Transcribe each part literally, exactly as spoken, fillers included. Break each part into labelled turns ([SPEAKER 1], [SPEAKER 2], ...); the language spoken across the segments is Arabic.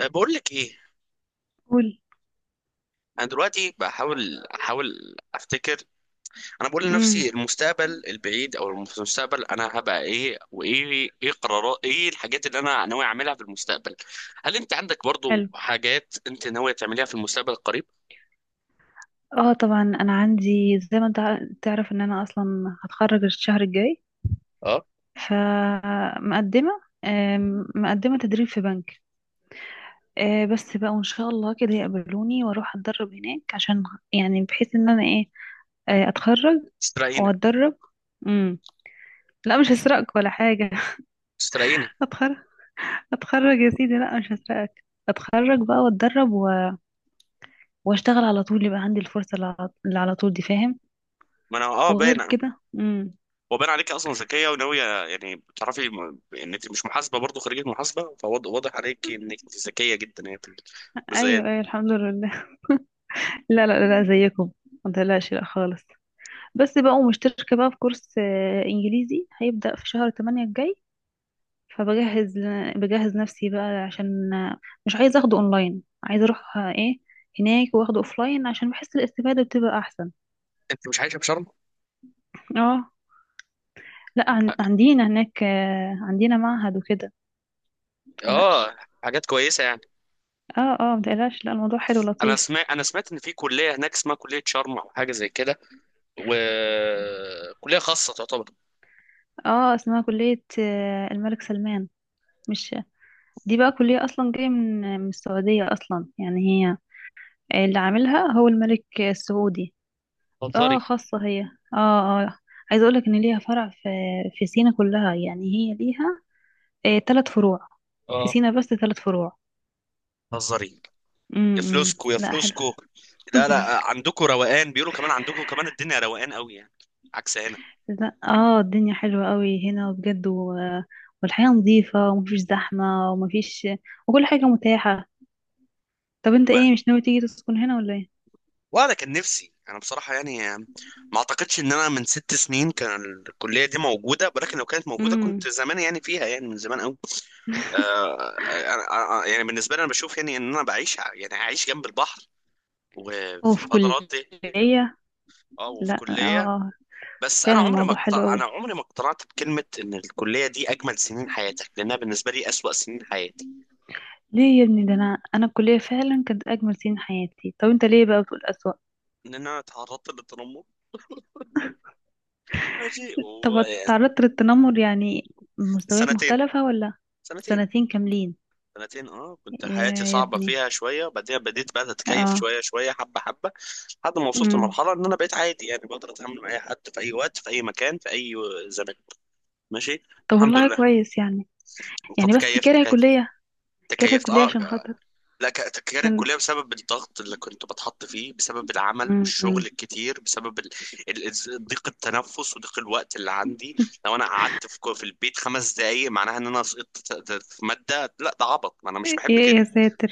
[SPEAKER 1] أه، بقول لك ايه؟
[SPEAKER 2] قول.
[SPEAKER 1] انا دلوقتي بحاول احاول افتكر. انا بقول
[SPEAKER 2] امم.
[SPEAKER 1] لنفسي المستقبل البعيد او المستقبل انا هبقى ايه، وايه ايه قرارات، ايه الحاجات اللي انا ناوي اعملها في المستقبل؟ هل انت عندك برضو
[SPEAKER 2] حلو.
[SPEAKER 1] حاجات انت ناوي تعمليها في المستقبل القريب؟
[SPEAKER 2] اه، طبعا انا عندي زي ما انت ع- تعرف ان انا اصلا هتخرج الشهر الجاي.
[SPEAKER 1] اه.
[SPEAKER 2] فمقدمه، آم، مقدمه تدريب في بنك. آه، بس بقى وان شاء الله كده يقبلوني واروح اتدرب هناك عشان يعني بحيث ان انا ايه، آه، اتخرج
[SPEAKER 1] استرينا
[SPEAKER 2] واتدرب. امم لا مش هسرقك ولا حاجه.
[SPEAKER 1] استرينا
[SPEAKER 2] اتخرج، اتخرج يا سيدي، لا مش هسرقك. اتخرج بقى واتدرب و... واشتغل على طول، يبقى عندي الفرصه اللي على اللي على طول دي. فاهم؟
[SPEAKER 1] ما انا اه
[SPEAKER 2] وغير
[SPEAKER 1] باين.
[SPEAKER 2] كده امم
[SPEAKER 1] وباين عليك اصلا ذكيه وناويه، يعني بتعرفي م- ان انت مش محاسبه، برضو خريجه محاسبه، فواضح عليك انك انت ذكيه جدا يعني في الجزئيه
[SPEAKER 2] ايوه،
[SPEAKER 1] دي.
[SPEAKER 2] ايوه، الحمد لله. لا لا لا، زيكم. ما تقلقش، لا خالص. بس بقى ومشتركه بقى في كورس آه، انجليزي هيبدأ في شهر تمانية الجاي. فبجهز، بجهز نفسي بقى عشان آه، مش عايزه اخده اونلاين، عايزه اروح آه، ايه هناك واخده اوفلاين، عشان بحس الاستفادة بتبقى احسن.
[SPEAKER 1] انت مش عايشه بشرم؟
[SPEAKER 2] اه، لا عن- عندنا هناك، آه، عندنا معهد وكده، متقلقش.
[SPEAKER 1] اه. حاجات كويسه يعني.
[SPEAKER 2] اه اه، متقلقش، لا الموضوع حلو
[SPEAKER 1] انا
[SPEAKER 2] لطيف.
[SPEAKER 1] سمعت انا سمعت ان في كليه هناك اسمها كليه شرم او حاجه زي كده، وكليه خاصه تعتبر.
[SPEAKER 2] اه، اسمها كلية آه، الملك سلمان. مش، دي بقى كلية أصلا جاية من من السعودية أصلا، يعني هي اللي عاملها هو الملك السعودي.
[SPEAKER 1] هزاري؟
[SPEAKER 2] اه، خاصة هي. اه اه. عايزة أقولك إن ليها فرع في في سينا كلها، يعني هي ليها آه تلات فروع في
[SPEAKER 1] اه؟
[SPEAKER 2] سينا، بس تلات فروع.
[SPEAKER 1] هزاري؟ يا
[SPEAKER 2] امم،
[SPEAKER 1] فلوسكو يا
[SPEAKER 2] لا حلوة.
[SPEAKER 1] فلوسكو. لا لا، عندكم روقان، بيقولوا كمان عندكم كمان الدنيا روقان قوي يعني، عكس هنا.
[SPEAKER 2] لا اه، الدنيا حلوة قوي هنا بجد و... والحياة نظيفة، ومفيش زحمة، ومفيش، وكل حاجة متاحة. طب انت ايه،
[SPEAKER 1] و-
[SPEAKER 2] مش ناوي تيجي تسكن هنا ولا ايه؟
[SPEAKER 1] وانا كان نفسي، انا بصراحه يعني ما اعتقدش ان انا من ست سنين كان الكليه دي موجوده، ولكن لو كانت موجوده
[SPEAKER 2] امم،
[SPEAKER 1] كنت زمان يعني فيها، يعني من زمان قوي. آه، أنا- أنا- يعني بالنسبه لي انا بشوف يعني ان انا بعيش ع- يعني عايش جنب البحر وفي
[SPEAKER 2] وفي
[SPEAKER 1] الفترات دي.
[SPEAKER 2] كلية.
[SPEAKER 1] اه
[SPEAKER 2] لا
[SPEAKER 1] وفي
[SPEAKER 2] اه
[SPEAKER 1] كلية.
[SPEAKER 2] آه.
[SPEAKER 1] بس انا
[SPEAKER 2] فعلا
[SPEAKER 1] عمري ما
[SPEAKER 2] الموضوع حلو
[SPEAKER 1] اقتنع انا
[SPEAKER 2] قوي.
[SPEAKER 1] عمري ما اقتنعت بكلمة ان الكلية دي اجمل سنين حياتك، لانها بالنسبة لي اسوأ سنين حياتي.
[SPEAKER 2] ليه يا ابني، ده انا انا الكليه فعلا كانت اجمل سنين حياتي، طب انت ليه بقى بتقول اسوأ؟
[SPEAKER 1] ان انا اتعرضت للتنمر. ماشي.
[SPEAKER 2] طب
[SPEAKER 1] وسنتين.
[SPEAKER 2] تعرضت للتنمر يعني مستويات مختلفه ولا؟
[SPEAKER 1] سنتين.
[SPEAKER 2] سنتين كاملين؟
[SPEAKER 1] سنتين، اه، كنت حياتي
[SPEAKER 2] يا، يا
[SPEAKER 1] صعبة
[SPEAKER 2] ابني.
[SPEAKER 1] فيها شوية. بعدين بديت بقى اتكيف
[SPEAKER 2] اه.
[SPEAKER 1] شوية شوية حبة حبة لحد ما وصلت
[SPEAKER 2] امم.
[SPEAKER 1] لمرحلة ان انا بقيت عادي، يعني بقدر اتعامل مع اي حد في اي وقت في اي مكان في اي زمان. ماشي.
[SPEAKER 2] طب
[SPEAKER 1] الحمد
[SPEAKER 2] والله
[SPEAKER 1] لله.
[SPEAKER 2] كويس يعني،
[SPEAKER 1] انت
[SPEAKER 2] يعني بس
[SPEAKER 1] تكيفت.
[SPEAKER 2] كاره
[SPEAKER 1] تكيفت
[SPEAKER 2] كليه، كاره
[SPEAKER 1] تكيفت
[SPEAKER 2] كليه
[SPEAKER 1] اه.
[SPEAKER 2] عشان خاطر،
[SPEAKER 1] لا، ك- تغيير
[SPEAKER 2] عشان
[SPEAKER 1] الكلية بسبب الضغط اللي كنت بتحط فيه، بسبب العمل
[SPEAKER 2] امم أمم.
[SPEAKER 1] والشغل الكتير، بسبب ال- ال- ال- ضيق التنفس وضيق الوقت اللي عندي. لو انا قعدت في كو- في البيت خمس دقايق، معناها ان انا سقطت ت- ت- في مادة. لا ده عبط، ما انا مش بحب
[SPEAKER 2] يا
[SPEAKER 1] كده.
[SPEAKER 2] يا ساتر،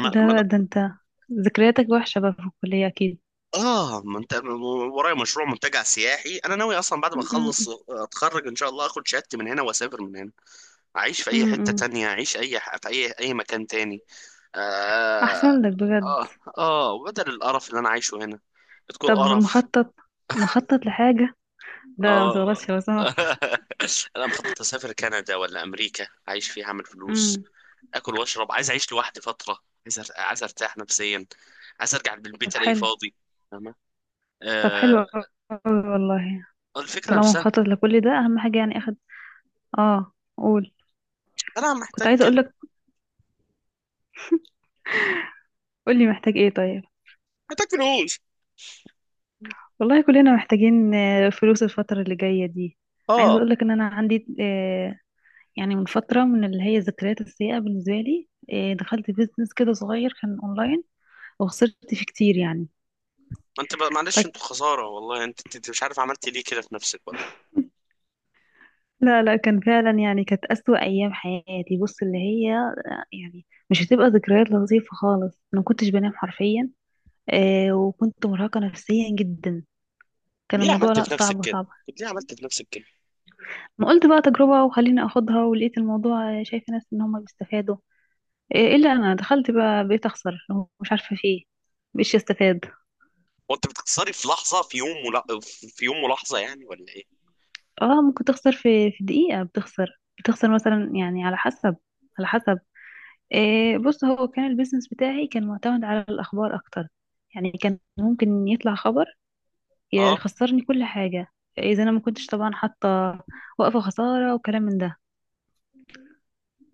[SPEAKER 1] ما ما
[SPEAKER 2] ده
[SPEAKER 1] أنا-
[SPEAKER 2] ده انت، ذكرياتك وحشه بقى في الكليه اكيد.
[SPEAKER 1] اه، منت... ورايا مشروع منتجع سياحي. انا ناوي اصلا بعد ما
[SPEAKER 2] امم،
[SPEAKER 1] اخلص اتخرج ان شاء الله اخد شهادتي من هنا واسافر من هنا، اعيش في اي
[SPEAKER 2] امم،
[SPEAKER 1] حتة
[SPEAKER 2] أمم.
[SPEAKER 1] تانية، اعيش اي ح- في اي اي مكان تاني. آه.
[SPEAKER 2] احسن لك بجد.
[SPEAKER 1] آه. آه، وبدل القرف اللي أنا عايشه هنا. بتكون
[SPEAKER 2] طب
[SPEAKER 1] قرف.
[SPEAKER 2] مخطط، مخطط لحاجه. لا لا ما
[SPEAKER 1] آه.
[SPEAKER 2] تضغطش لو سمحت.
[SPEAKER 1] أنا مخطط أسافر كندا ولا أمريكا، أعيش فيها، أعمل فلوس،
[SPEAKER 2] امم.
[SPEAKER 1] آكل وأشرب. عايز أعيش لوحدي فترة. عايز أر- عايز أرتاح نفسيا. عايز أرجع
[SPEAKER 2] طب
[SPEAKER 1] بالبيت ألاقيه
[SPEAKER 2] حلو،
[SPEAKER 1] فاضي. فاهمة؟
[SPEAKER 2] طب حلو
[SPEAKER 1] آه.
[SPEAKER 2] أوي، والله.
[SPEAKER 1] الفكرة
[SPEAKER 2] طالما
[SPEAKER 1] نفسها.
[SPEAKER 2] مخطط لكل ده، أهم حاجة يعني. أخد، اه قول.
[SPEAKER 1] أنا
[SPEAKER 2] كنت
[SPEAKER 1] محتاج
[SPEAKER 2] عايزة
[SPEAKER 1] كده.
[SPEAKER 2] أقولك، قولي محتاج ايه طيب.
[SPEAKER 1] محتاج فلوس.
[SPEAKER 2] والله كلنا محتاجين آه، فلوس الفترة اللي جاية دي. عايزة
[SPEAKER 1] آه.
[SPEAKER 2] أقولك إن أنا عندي، آه، يعني من فترة، من اللي هي الذكريات السيئة بالنسبة لي، آه، دخلت بيزنس كده صغير كان أونلاين، وخسرت فيه كتير يعني.
[SPEAKER 1] ما أنت بقى- معلش
[SPEAKER 2] فك...
[SPEAKER 1] أنتوا خسارة والله. أنت أنت مش عارف عملت ليه كده في نفسك والله.
[SPEAKER 2] لا لا كان فعلا يعني كانت أسوأ أيام حياتي، بص اللي هي يعني مش هتبقى ذكريات لطيفة خالص. ما كنتش بنام حرفيا، آه وكنت مرهقة نفسيا جدا. كان
[SPEAKER 1] ليه
[SPEAKER 2] الموضوع،
[SPEAKER 1] عملت
[SPEAKER 2] لا،
[SPEAKER 1] في نفسك
[SPEAKER 2] صعب
[SPEAKER 1] كده؟
[SPEAKER 2] صعب.
[SPEAKER 1] طب ليه عملت في نفسك كده؟
[SPEAKER 2] ما قلت بقى تجربة وخليني اخدها، ولقيت الموضوع آه، شايفة ناس ان هم بيستفادوا. آه الا انا دخلت بقى بقيت اخسر، مش عارفة في ايه، مش استفاد.
[SPEAKER 1] وانت بتكسري في لحظه، في يوم، ولا... في يوم ولحظه يعني، ولا ايه؟
[SPEAKER 2] اه ممكن تخسر في في دقيقة، بتخسر بتخسر مثلا، يعني على حسب، على حسب آه بص هو كان البيزنس بتاعي كان معتمد على الاخبار اكتر، يعني كان ممكن يطلع خبر يا-
[SPEAKER 1] اه
[SPEAKER 2] خسرني كل حاجة، اذا انا ما كنتش طبعا حاطة وقفة خسارة وكلام من ده.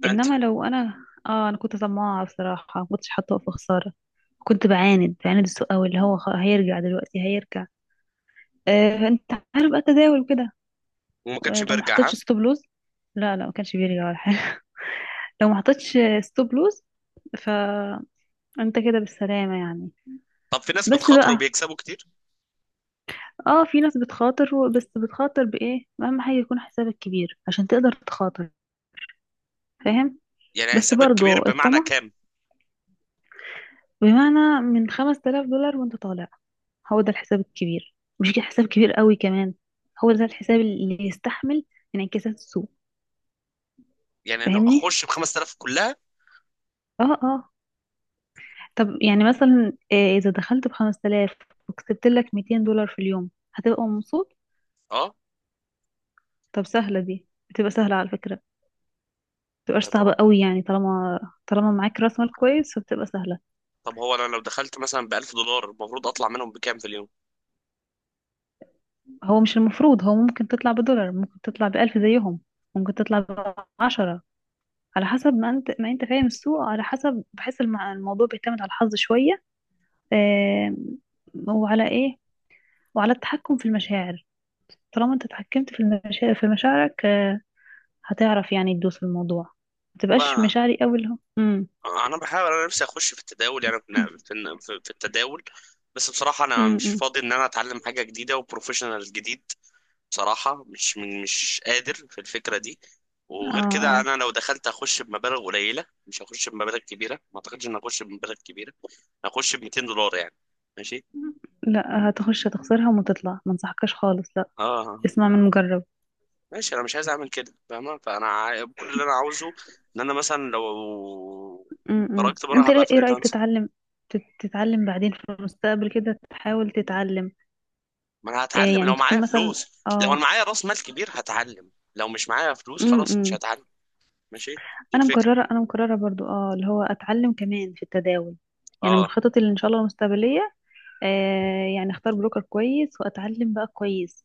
[SPEAKER 1] ده انت.
[SPEAKER 2] انما لو انا، اه انا كنت طماعة بصراحة، ما كنتش حاطة وقفة خسارة، كنت بعاند بعاند السوق قوي، اللي هو خ- هيرجع دلوقتي، هيرجع. آه فانت عارف بقى التداول كده،
[SPEAKER 1] وما
[SPEAKER 2] آه،
[SPEAKER 1] كانش
[SPEAKER 2] لو ما
[SPEAKER 1] بيرجع ها؟
[SPEAKER 2] حطيتش ستوب لوز، لا لا ما كانش بيرجع ولا حاجة. لو ما حطيتش ستوب لوز فانت كده بالسلامة يعني.
[SPEAKER 1] طب في ناس
[SPEAKER 2] بس
[SPEAKER 1] بتخاطر
[SPEAKER 2] بقى،
[SPEAKER 1] وبيكسبوا كتير.
[SPEAKER 2] اه في ناس بتخاطر و- بس بتخاطر بايه؟ اهم حاجة يكون حسابك كبير عشان تقدر تخاطر، فاهم؟
[SPEAKER 1] يعني
[SPEAKER 2] بس
[SPEAKER 1] حسابك كبير
[SPEAKER 2] برضو
[SPEAKER 1] بمعنى
[SPEAKER 2] الطمع،
[SPEAKER 1] كام؟
[SPEAKER 2] بمعنى من خمسة آلاف دولار وانت طالع، هو ده الحساب الكبير، مش كده حساب كبير قوي كمان، هو ده الحساب اللي يستحمل انعكاسات السوق.
[SPEAKER 1] يعني انا
[SPEAKER 2] فاهمني؟
[SPEAKER 1] اخش ب خمس آلاف كلها؟
[SPEAKER 2] اه اه. طب يعني مثلا، آه، اذا دخلت ب خمسة آلاف وكسبت لك مئتين دولار في اليوم، هتبقى مبسوط.
[SPEAKER 1] اه.
[SPEAKER 2] طب سهلة، دي بتبقى سهلة على فكرة، متبقاش
[SPEAKER 1] طب
[SPEAKER 2] صعبة
[SPEAKER 1] هو،
[SPEAKER 2] قوي يعني، طالما طالما معاك راس مال كويس فبتبقى سهلة.
[SPEAKER 1] طب هو انا لو دخلت مثلا ب ألف دولار، المفروض اطلع منهم بكام في اليوم؟
[SPEAKER 2] هو مش المفروض، هو ممكن تطلع بدولار، ممكن تطلع بألف زيهم، ممكن تطلع بعشرة، على حسب ما انت ما انت فاهم السوق. على حسب، بحس المع- الموضوع بيعتمد على الحظ شوية، آم، وعلى ايه، وعلى التحكم في المشاعر. طالما انت اتحكمت في المشاعر، في مشاعرك، آه، هتعرف يعني تدوس في الموضوع، ما تبقاش
[SPEAKER 1] لا،
[SPEAKER 2] مشاعري قوي اللي هو امم
[SPEAKER 1] انا بحاول انا نفسي اخش في التداول، يعني في في في التداول. بس بصراحه انا مش
[SPEAKER 2] امم.
[SPEAKER 1] فاضي ان انا اتعلم حاجه جديده وبروفيشنال جديد. بصراحة مش من مش قادر في الفكرة دي.
[SPEAKER 2] اه
[SPEAKER 1] وغير كده
[SPEAKER 2] آه.
[SPEAKER 1] أنا لو دخلت هخش بمبالغ قليلة، مش هخش بمبالغ كبيرة، ما أعتقدش إن هخش بمبالغ كبيرة. هخش ب مائتين دولار يعني. ماشي.
[SPEAKER 2] لا هتخش هتخسرها وتطلع، ما انصحكش خالص، لا.
[SPEAKER 1] اه، آه، آه،
[SPEAKER 2] اسمع من
[SPEAKER 1] ما-
[SPEAKER 2] مجرب.
[SPEAKER 1] ماشي انا مش عايز اعمل كده فاهمة. فانا عا- كل اللي انا عاوزه ان انا مثلا لو
[SPEAKER 2] امم،
[SPEAKER 1] خرجت بره
[SPEAKER 2] انت
[SPEAKER 1] هبقى
[SPEAKER 2] ليه- ايه رأيك
[SPEAKER 1] فريلانسر.
[SPEAKER 2] تتعلم، تت- تتعلم بعدين في المستقبل، كده تحاول تتعلم،
[SPEAKER 1] ما انا
[SPEAKER 2] إيه
[SPEAKER 1] هتعلم
[SPEAKER 2] يعني
[SPEAKER 1] لو معايا
[SPEAKER 2] تكون مثلا،
[SPEAKER 1] فلوس. لو انا
[SPEAKER 2] اه.
[SPEAKER 1] معايا راس مال كبير هتعلم، لو مش معايا فلوس خلاص مش
[SPEAKER 2] امم.
[SPEAKER 1] هتعلم. ماشي. دي
[SPEAKER 2] انا
[SPEAKER 1] الفكرة.
[SPEAKER 2] مقرره انا مقرره برضو، اه اللي هو اتعلم كمان في التداول، يعني من
[SPEAKER 1] اه.
[SPEAKER 2] خططي اللي ان شاء الله المستقبليه. آه يعني اختار بروكر كويس، واتعلم بقى كويس،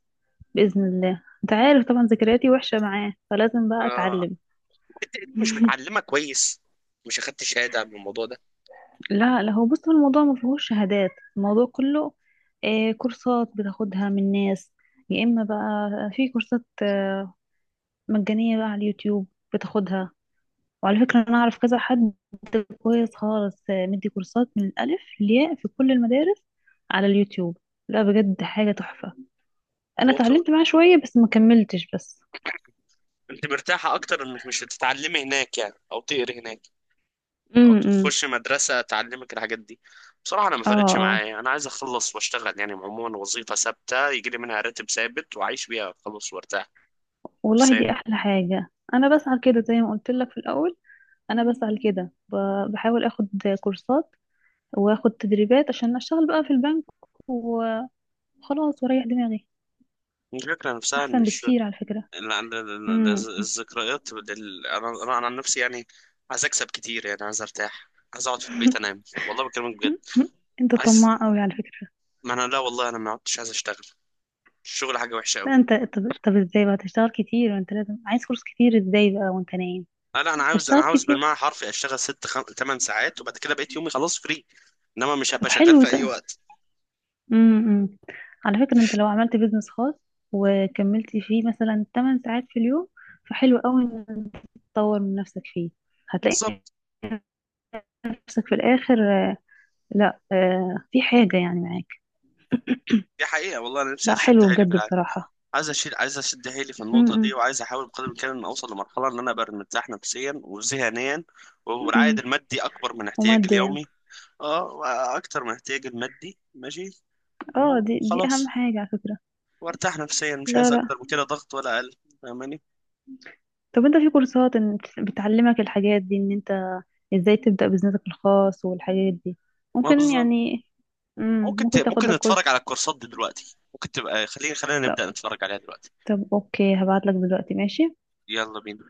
[SPEAKER 2] باذن الله. انت عارف طبعا ذكرياتي وحشه معاه، فلازم بقى
[SPEAKER 1] آه،
[SPEAKER 2] اتعلم.
[SPEAKER 1] انت انت مش متعلمه كويس؟ مش اخدت شهاده من الموضوع ده؟
[SPEAKER 2] لا لا، هو بص هو الموضوع ما فيهوش شهادات، الموضوع كله آه كورسات بتاخدها من ناس، يا اما بقى في كورسات آه مجانيه بقى على اليوتيوب بتاخدها. وعلى فكره انا اعرف كذا حد كويس خالص، آه، مدي كورسات من الألف للياء في كل المدارس على اليوتيوب. لا بجد حاجة تحفة، أنا
[SPEAKER 1] هو طب
[SPEAKER 2] اتعلمت معاه شوية بس ما كملتش بس.
[SPEAKER 1] انت مرتاحه اكتر انك مش تتعلمي هناك يعني، او تقري هناك، او
[SPEAKER 2] امم.
[SPEAKER 1] تخش مدرسه تعلمك الحاجات دي؟ بصراحه انا ما
[SPEAKER 2] اه
[SPEAKER 1] فرقتش
[SPEAKER 2] اه.
[SPEAKER 1] معايا. انا عايز اخلص واشتغل يعني، عموما وظيفه ثابته يجي لي منها راتب ثابت واعيش بيها، اخلص وارتاح
[SPEAKER 2] والله
[SPEAKER 1] نفسيا.
[SPEAKER 2] دي أحلى حاجة. أنا بسعى كده زي ما قلت لك في الأول، أنا بسعى كده، ب- بحاول أخد كورسات، وأخد تدريبات عشان أشتغل بقى في البنك، وخلاص، وأريح دماغي.
[SPEAKER 1] الفكره نفسها ان
[SPEAKER 2] أحسن
[SPEAKER 1] الش...
[SPEAKER 2] بكتير على فكرة.
[SPEAKER 1] ال- ال- ال- ال-
[SPEAKER 2] امم.
[SPEAKER 1] الذكريات بال- انا انا أنا عن نفسي يعني عايز اكسب كتير، يعني عايز ارتاح، عايز اقعد في البيت انام والله بكلمك بجد.
[SPEAKER 2] أنت
[SPEAKER 1] عايز.
[SPEAKER 2] طماع أوي على فكرة.
[SPEAKER 1] ما انا، لا والله، انا ما عدتش عايز اشتغل. الشغل حاجه وحشه قوي.
[SPEAKER 2] لا انت، طب, طب ازاي بقى تشتغل كتير وانت لازم عايز فلوس كتير، ازاي بقى وانت نايم؟
[SPEAKER 1] لا لا، انا عاوز انا
[SPEAKER 2] فاشتغل
[SPEAKER 1] عاوز
[SPEAKER 2] كتير.
[SPEAKER 1] بالمعنى حرفي اشتغل ست خم... تمن ساعات، وبعد كده بقيت يومي خلاص فري، انما مش
[SPEAKER 2] طب
[SPEAKER 1] هبقى شغال
[SPEAKER 2] حلو
[SPEAKER 1] في اي
[SPEAKER 2] ده.
[SPEAKER 1] وقت.
[SPEAKER 2] امم. امم. على فكرة انت لو عملت بيزنس خاص وكملت فيه مثلا 8 ساعات في اليوم، فحلو قوي ان انت تطور من نفسك فيه، هتلاقي
[SPEAKER 1] بالظبط.
[SPEAKER 2] نفسك في الاخر آه، لا آه، في حاجة يعني معاك.
[SPEAKER 1] دي حقيقه والله، انا نفسي
[SPEAKER 2] لا
[SPEAKER 1] اشد
[SPEAKER 2] حلو
[SPEAKER 1] حيلي في
[SPEAKER 2] بجد
[SPEAKER 1] العالم.
[SPEAKER 2] بصراحة.
[SPEAKER 1] عايز اشيل عايز اشد حيلي في
[SPEAKER 2] امم،
[SPEAKER 1] النقطه دي،
[SPEAKER 2] امم،
[SPEAKER 1] وعايز احاول بقدر الامكان ان اوصل لمرحله ان انا ابقى مرتاح نفسيا وذهنيا والعائد
[SPEAKER 2] امم.
[SPEAKER 1] المادي اكبر من احتياجي
[SPEAKER 2] وماديا،
[SPEAKER 1] اليومي. اه، اكتر من احتياجي المادي. ماشي.
[SPEAKER 2] اه
[SPEAKER 1] تمام.
[SPEAKER 2] دي دي اهم
[SPEAKER 1] خلاص.
[SPEAKER 2] حاجة على فكرة.
[SPEAKER 1] وارتاح نفسيا. مش
[SPEAKER 2] لا
[SPEAKER 1] عايز
[SPEAKER 2] لا.
[SPEAKER 1] اكتر من كده ضغط ولا اقل. فاهماني؟
[SPEAKER 2] طب انت في كورسات ان- بتعلمك الحاجات دي، ان انت ازاي تبدأ بزنسك الخاص والحاجات دي،
[SPEAKER 1] ما
[SPEAKER 2] ممكن
[SPEAKER 1] بالظبط.
[SPEAKER 2] يعني. مم.
[SPEAKER 1] ممكن ت...
[SPEAKER 2] ممكن تاخد
[SPEAKER 1] ممكن
[SPEAKER 2] لك
[SPEAKER 1] نتفرج
[SPEAKER 2] كورس.
[SPEAKER 1] على الكورسات دي دلوقتي. ممكن تبقى، خلينا خلينا
[SPEAKER 2] طب,
[SPEAKER 1] نبدأ نتفرج عليها دلوقتي.
[SPEAKER 2] طب اوكي، هبعت لك دلوقتي، ماشي.
[SPEAKER 1] يلا بينا.